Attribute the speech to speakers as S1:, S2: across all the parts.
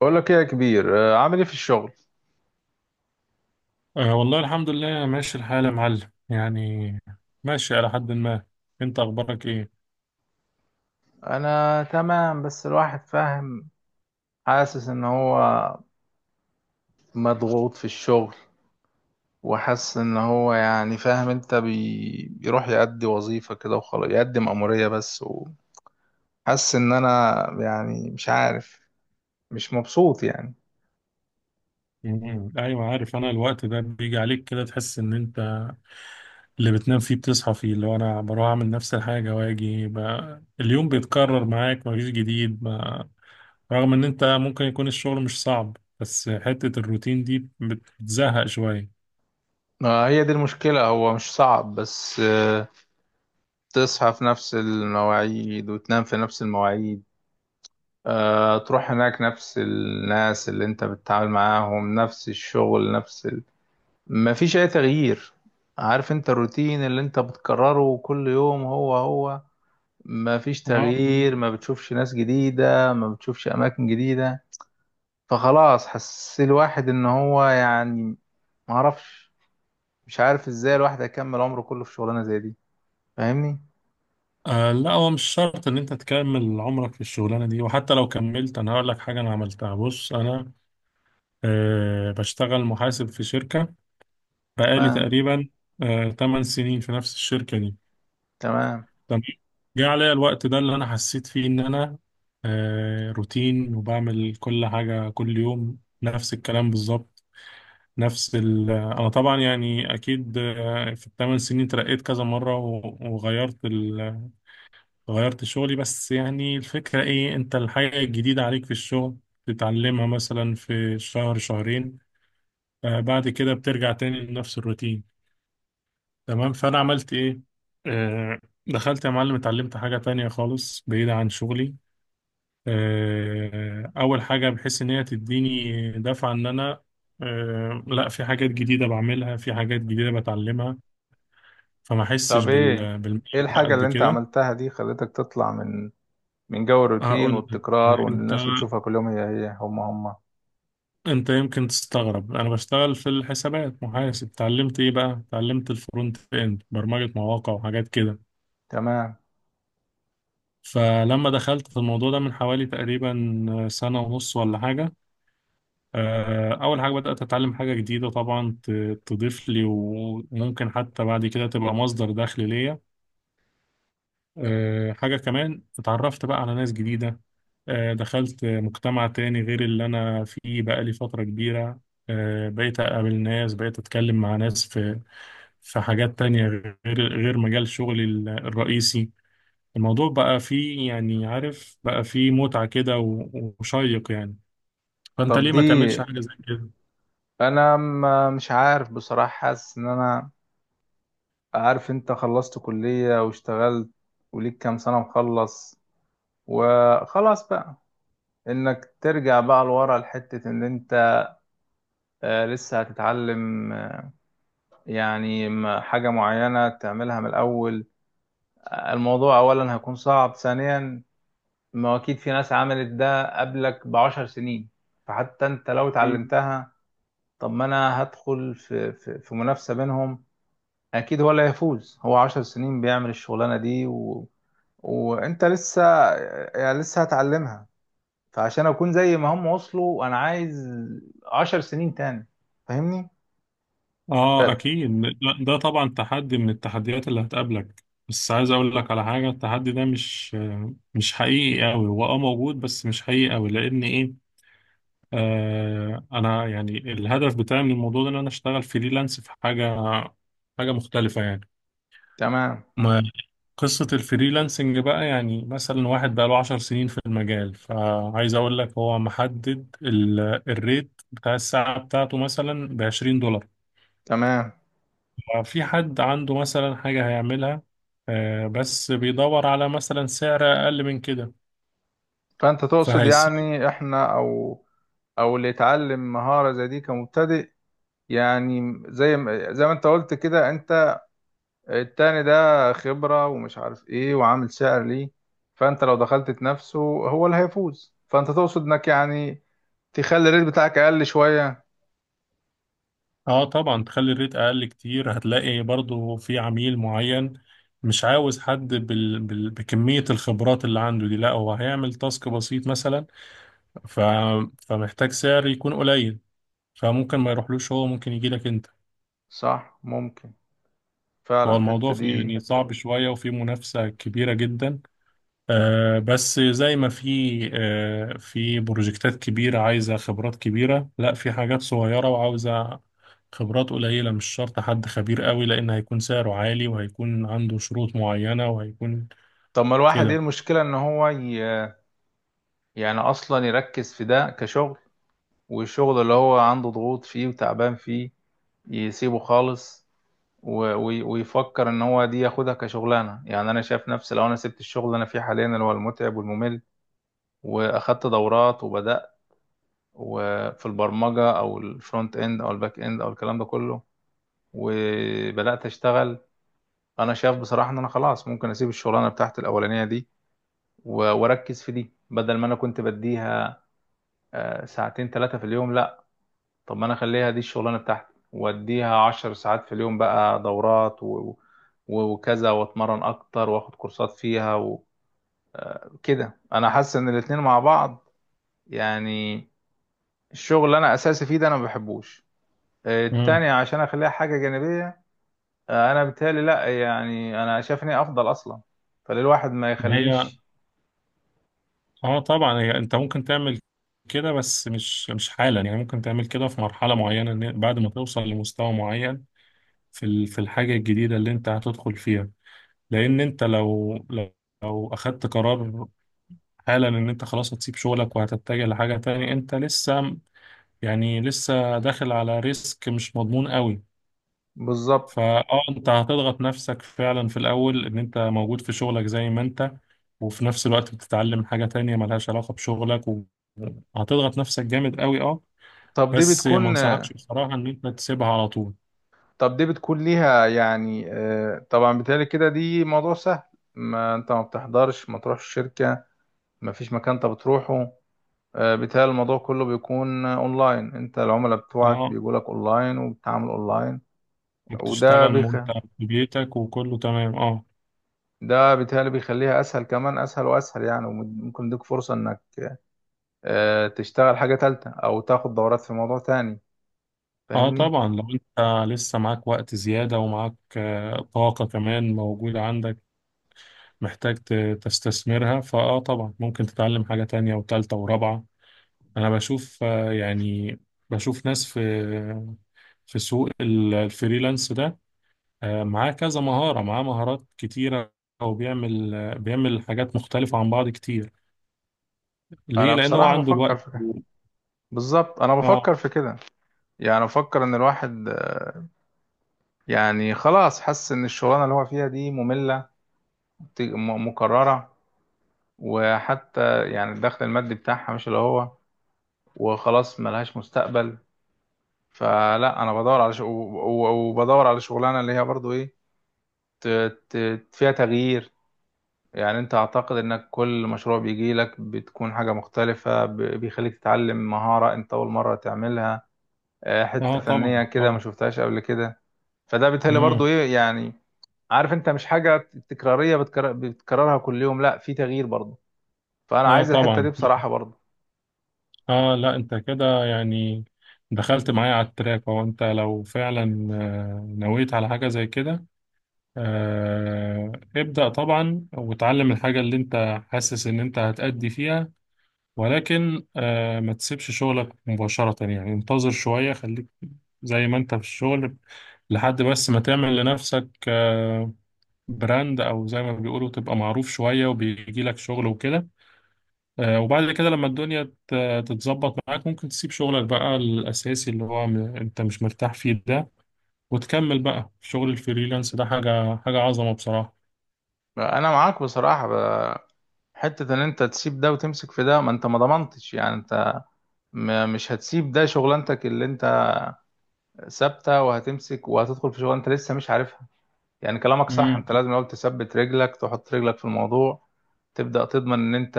S1: بقول لك ايه يا كبير، عامل ايه في الشغل؟
S2: أه والله الحمد لله ماشي الحال يا معلم يعني ماشي على حد ما. انت اخبارك ايه؟
S1: انا تمام، بس الواحد فاهم، حاسس ان هو مضغوط في الشغل. وحاسس ان هو يعني فاهم انت بيروح يأدي وظيفة كده وخلاص، يقدم مأمورية بس. وحاسس ان انا يعني مش عارف، مش مبسوط يعني.
S2: مم. ايوه عارف، انا الوقت ده بيجي عليك كده، تحس ان انت اللي بتنام فيه بتصحى فيه، اللي هو انا بروح اعمل نفس الحاجه واجي بقى اليوم بيتكرر معاك مفيش جديد ما. رغم ان انت ممكن يكون الشغل مش صعب بس حته الروتين دي بتزهق شويه.
S1: ما هي دي المشكلة، هو مش صعب، بس تصحى في نفس المواعيد وتنام في نفس المواعيد. تروح هناك نفس الناس اللي انت بتتعامل معاهم، نفس الشغل، مفيش اي تغيير. عارف انت، الروتين اللي انت بتكرره كل يوم هو هو، مفيش
S2: آه.
S1: تغيير. ما بتشوفش ناس جديدة، ما بتشوفش اماكن جديدة. فخلاص حس الواحد ان هو يعني معرفش، مش عارف ازاي الواحد هيكمل عمره كله في شغلانة زي دي. فاهمني؟
S2: آه، لا هو مش شرط ان انت تكمل عمرك في الشغلانه دي، وحتى لو كملت انا هقول لك حاجه انا عملتها. بص، انا أه بشتغل محاسب في شركة بقالي
S1: تمام،
S2: تقريبا أه 8 سنين في نفس الشركة دي.
S1: تمام.
S2: تمام. جه عليا الوقت ده اللي أنا حسيت فيه إن أنا أه روتين وبعمل كل حاجة كل يوم نفس الكلام بالظبط، نفس ال آه، أنا طبعا يعني أكيد، في الثمان سنين ترقيت كذا مرة و- وغيرت غيرت شغلي. بس يعني الفكرة إيه، أنت الحاجة الجديدة عليك في الشغل تتعلمها مثلا في شهر شهرين، بعد كده بترجع تاني لنفس الروتين. تمام. فأنا عملت إيه؟ آه، دخلت يا معلم اتعلمت حاجة تانية خالص بعيدة عن شغلي، أول حاجة بحيث إن هي تديني دفعة إن أنا، لا في حاجات جديدة بعملها، في حاجات جديدة بتعلمها، فما أحسش
S1: طب، ايه
S2: بالملل.
S1: ايه
S2: ده
S1: الحاجة
S2: قد
S1: اللي انت
S2: كده.
S1: عملتها دي خلتك تطلع من جو الروتين
S2: هقول لك آه،
S1: والتكرار، وان
S2: أنت
S1: الناس بتشوفها كل يوم هي هي هم هم؟
S2: أنت يمكن تستغرب، أنا بشتغل في الحسابات محاسب، اتعلمت إيه بقى، اتعلمت الفرونت إند، برمجة مواقع وحاجات كده.
S1: تمام.
S2: فلما دخلت في الموضوع ده من حوالي تقريبا سنة ونص ولا حاجة، أول حاجة بدأت أتعلم حاجة جديدة طبعا تضيف لي، وممكن حتى بعد كده تبقى مصدر دخل ليا. حاجة كمان، اتعرفت بقى على ناس جديدة، دخلت مجتمع تاني غير اللي أنا فيه بقالي فترة كبيرة، بقيت أقابل ناس، بقيت أتكلم مع ناس في في حاجات تانية غير غير مجال شغلي الرئيسي. الموضوع بقى فيه يعني عارف بقى فيه متعة كده و- وشيق يعني. فأنت
S1: طب،
S2: ليه ما تعملش حاجة زي كده؟
S1: انا ما مش عارف بصراحة، حاسس ان انا عارف انت، خلصت كلية واشتغلت وليك كام سنة مخلص، وخلاص بقى. انك ترجع بقى لورا لحتة ان انت لسه هتتعلم، يعني حاجة معينة تعملها من الاول؟ الموضوع اولا هيكون صعب، ثانيا ما هو اكيد في ناس عملت ده قبلك ب10 سنين، فحتى انت لو
S2: مم.
S1: اتعلمتها. طب ما انا هدخل في منافسة بينهم؟ اكيد هو اللي هيفوز، هو 10 سنين بيعمل الشغلانة دي وانت لسه، يعني لسه هتعلمها. فعشان اكون زي ما هم وصلوا، انا عايز 10 سنين تاني. فاهمني؟
S2: آه
S1: ف-
S2: أكيد. لا، ده طبعا تحدي من التحديات اللي هتقابلك، بس عايز أقول لك على حاجة، التحدي ده مش حقيقي أوي، هو أه موجود بس مش حقيقي أوي، لأن إيه، آه أنا يعني الهدف بتاعي من الموضوع ده إن أنا أشتغل فريلانس في حاجة مختلفة.
S1: تمام،
S2: يعني قصة الفريلانسنج بقى، يعني مثلا واحد بقى له عشر سنين في المجال، فعايز أقول لك هو محدد الريت بتاع الساعة بتاعته مثلا بعشرين دولار.
S1: تمام.
S2: ففي حد عنده مثلا حاجة هيعملها، بس بيدور على مثلا سعر أقل من كده،
S1: فانت تقصد
S2: فهيسيب.
S1: يعني احنا، او اللي يتعلم مهارة زي دي كمبتدئ، يعني زي ما انت قلت كده، انت التاني ده خبرة ومش عارف ايه وعامل سعر ليه، فانت لو دخلت تنافسه هو اللي هيفوز. فانت تقصد انك يعني تخلي الريت بتاعك اقل شوية؟
S2: اه طبعا تخلي الريت أقل كتير، هتلاقي برضو في عميل معين مش عاوز حد بكمية الخبرات اللي عنده دي، لا هو هيعمل تاسك بسيط مثلا، ف... فمحتاج سعر يكون قليل، فممكن ما يروحلوش، هو ممكن يجي لك انت.
S1: صح، ممكن، فعلا
S2: هو الموضوع
S1: الحتة دي.
S2: يعني صعب شوية وفي منافسة كبيرة جدا، آه بس زي ما في آه في بروجكتات كبيرة عايزة خبرات كبيرة، لا في حاجات صغيرة وعاوزة خبرات قليلة مش شرط حد خبير قوي، لأن هيكون سعره عالي وهيكون عنده شروط معينة وهيكون
S1: طب، ما الواحد ايه
S2: كده.
S1: المشكلة ان هو يعني اصلا يركز في ده كشغل، والشغل اللي هو عنده ضغوط فيه وتعبان فيه يسيبه خالص، ويفكر ان هو دي ياخدها كشغلانه. يعني انا شايف نفسي، لو انا سبت الشغل اللي انا فيه حاليا اللي هو المتعب والممل، واخدت دورات وبدات، وفي البرمجه او الفرونت اند او الباك اند او الكلام ده كله، وبدات اشتغل، انا شايف بصراحه ان انا خلاص ممكن اسيب الشغلانه بتاعتي الاولانيه دي، واركز في دي. بدل ما انا كنت بديها ساعتين ثلاثه في اليوم، لا. طب ما انا اخليها دي الشغلانه بتاعتي، واديها 10 ساعات في اليوم بقى. دورات وكذا، واتمرن اكتر، واخد كورسات فيها. وكده انا حاسس ان الاتنين مع بعض يعني، الشغل اللي انا اساسي فيه ده انا ما بحبوش،
S2: مم.
S1: التاني عشان اخليها حاجه جانبيه. انا بالتالي لا، يعني انا شايفني افضل اصلا، فللواحد ما
S2: هي
S1: يخليش.
S2: اه طبعا، هي انت ممكن تعمل كده بس مش حالا، يعني ممكن تعمل كده في مرحلة معينة، إن بعد ما توصل لمستوى معين في في الحاجة الجديدة اللي انت هتدخل فيها. لان انت لو اخدت قرار حالا ان انت خلاص هتسيب شغلك وهتتجه لحاجة تانية، انت لسه يعني لسه داخل على ريسك مش مضمون قوي.
S1: بالظبط.
S2: فاه، انت هتضغط نفسك فعلا في الاول، ان انت موجود في شغلك زي ما انت، وفي نفس الوقت بتتعلم حاجة تانية ملهاش علاقة بشغلك، وهتضغط نفسك جامد قوي اه.
S1: طب دي
S2: بس ما
S1: بتكون
S2: انصحكش بصراحة ان انت تسيبها على طول.
S1: طب دي بتكون ليها يعني، طبعا بالتالي كده دي موضوع سهل. ما انت ما بتحضرش، ما تروحش الشركة، مفيش مكان انت بتروحه. بيتهيألي الموضوع كله بيكون اونلاين، انت العملاء بتوعك
S2: اه،
S1: بيجولك اونلاين وبتتعامل اونلاين. وده
S2: وبتشتغل
S1: بيخ
S2: وانت في بيتك وكله تمام اه.
S1: ده بيتهيألي بيخليها اسهل، كمان اسهل واسهل يعني، وممكن يديك فرصة انك تشتغل حاجة تالتة او تاخد دورات في موضوع تاني.
S2: اه
S1: فاهمني؟
S2: طبعا، لو انت لسه معاك وقت زيادة ومعاك طاقة كمان موجودة عندك، محتاج تستثمرها، فاه طبعا ممكن تتعلم حاجة تانية وتالتة ورابعة. انا بشوف يعني بشوف ناس في في سوق الفريلانس ده، معاه كذا مهارة، معاه مهارات كتيرة، وبيعمل بيعمل حاجات مختلفة عن بعض كتير. ليه؟
S1: انا
S2: لأنه هو
S1: بصراحة
S2: عنده
S1: بفكر
S2: الوقت.
S1: في كده. بالظبط، انا
S2: اه.
S1: بفكر في كده. يعني بفكر ان الواحد، يعني خلاص حس ان الشغلانة اللي هو فيها دي مملة، مكررة، وحتى يعني الدخل المادي بتاعها مش اللي هو، وخلاص ملهاش مستقبل. فلا، انا بدور على وبدور على شغلانه اللي هي برضو ايه ت... ت... فيها تغيير. يعني انت اعتقد انك كل مشروع بيجي لك بتكون حاجه مختلفه، بيخليك تتعلم مهاره انت اول مره تعملها،
S2: اه
S1: حته
S2: طبعا
S1: فنيه كده ما
S2: طبعا.
S1: شفتهاش قبل كده. فده بالتالي برضو
S2: مم.
S1: ايه يعني، عارف انت، مش حاجه تكراريه بتكررها كل يوم، لا، في تغيير برضو. فانا
S2: اه
S1: عايز الحته دي
S2: طبعا.
S1: بصراحه برضو.
S2: اه لا انت كده يعني دخلت معايا على التراك. هو انت لو فعلا نويت على حاجة زي كده، ابدأ طبعا وتعلم الحاجة اللي انت حاسس ان انت هتأدي فيها، ولكن ما تسيبش شغلك مباشرة، يعني انتظر شوية، خليك زي ما انت في الشغل لحد بس ما تعمل لنفسك براند، او زي ما بيقولوا تبقى معروف شوية وبيجي لك شغل وكده. وبعد كده لما الدنيا تتظبط معاك ممكن تسيب شغلك بقى الأساسي اللي هو أنت مش مرتاح فيه ده، وتكمل بقى في شغل الفريلانس ده، حاجة عظمة بصراحة.
S1: انا معاك بصراحه. حتة ان انت تسيب ده وتمسك في ده، ما انت ما ضمنتش يعني. انت مش هتسيب ده شغلانتك اللي انت ثابتة، وهتمسك وهتدخل في شغلانة انت لسه مش عارفها. يعني كلامك صح،
S2: امم.
S1: انت لازم الاول تثبت رجلك، تحط رجلك في الموضوع، تبدأ تضمن ان انت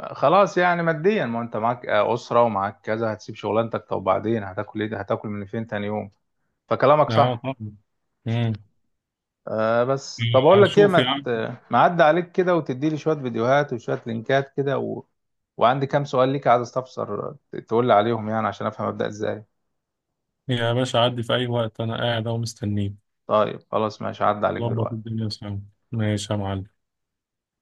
S1: خلاص يعني، ماديا ما انت معاك اسرة ومعاك كذا. هتسيب شغلانتك طب، وبعدين هتاكل ايه؟ هتاكل من فين تاني يوم؟ فكلامك
S2: اه
S1: صح.
S2: طبعا. امم.
S1: بس طب، اقول لك ايه،
S2: شوف يا عم،
S1: ما عدى عليك كده وتدي لي شويه فيديوهات وشويه لينكات كده، وعندي كام سؤال ليك عايز استفسر، تقول لي عليهم يعني، عشان افهم ابدا ازاي.
S2: يا باشا عدي في أي وقت، أنا قاعد أهو مستنيك.
S1: طيب، خلاص، ماشي، عدى عليك
S2: ظبط
S1: دلوقتي.
S2: الدنيا سوا. ماشي يا معلم.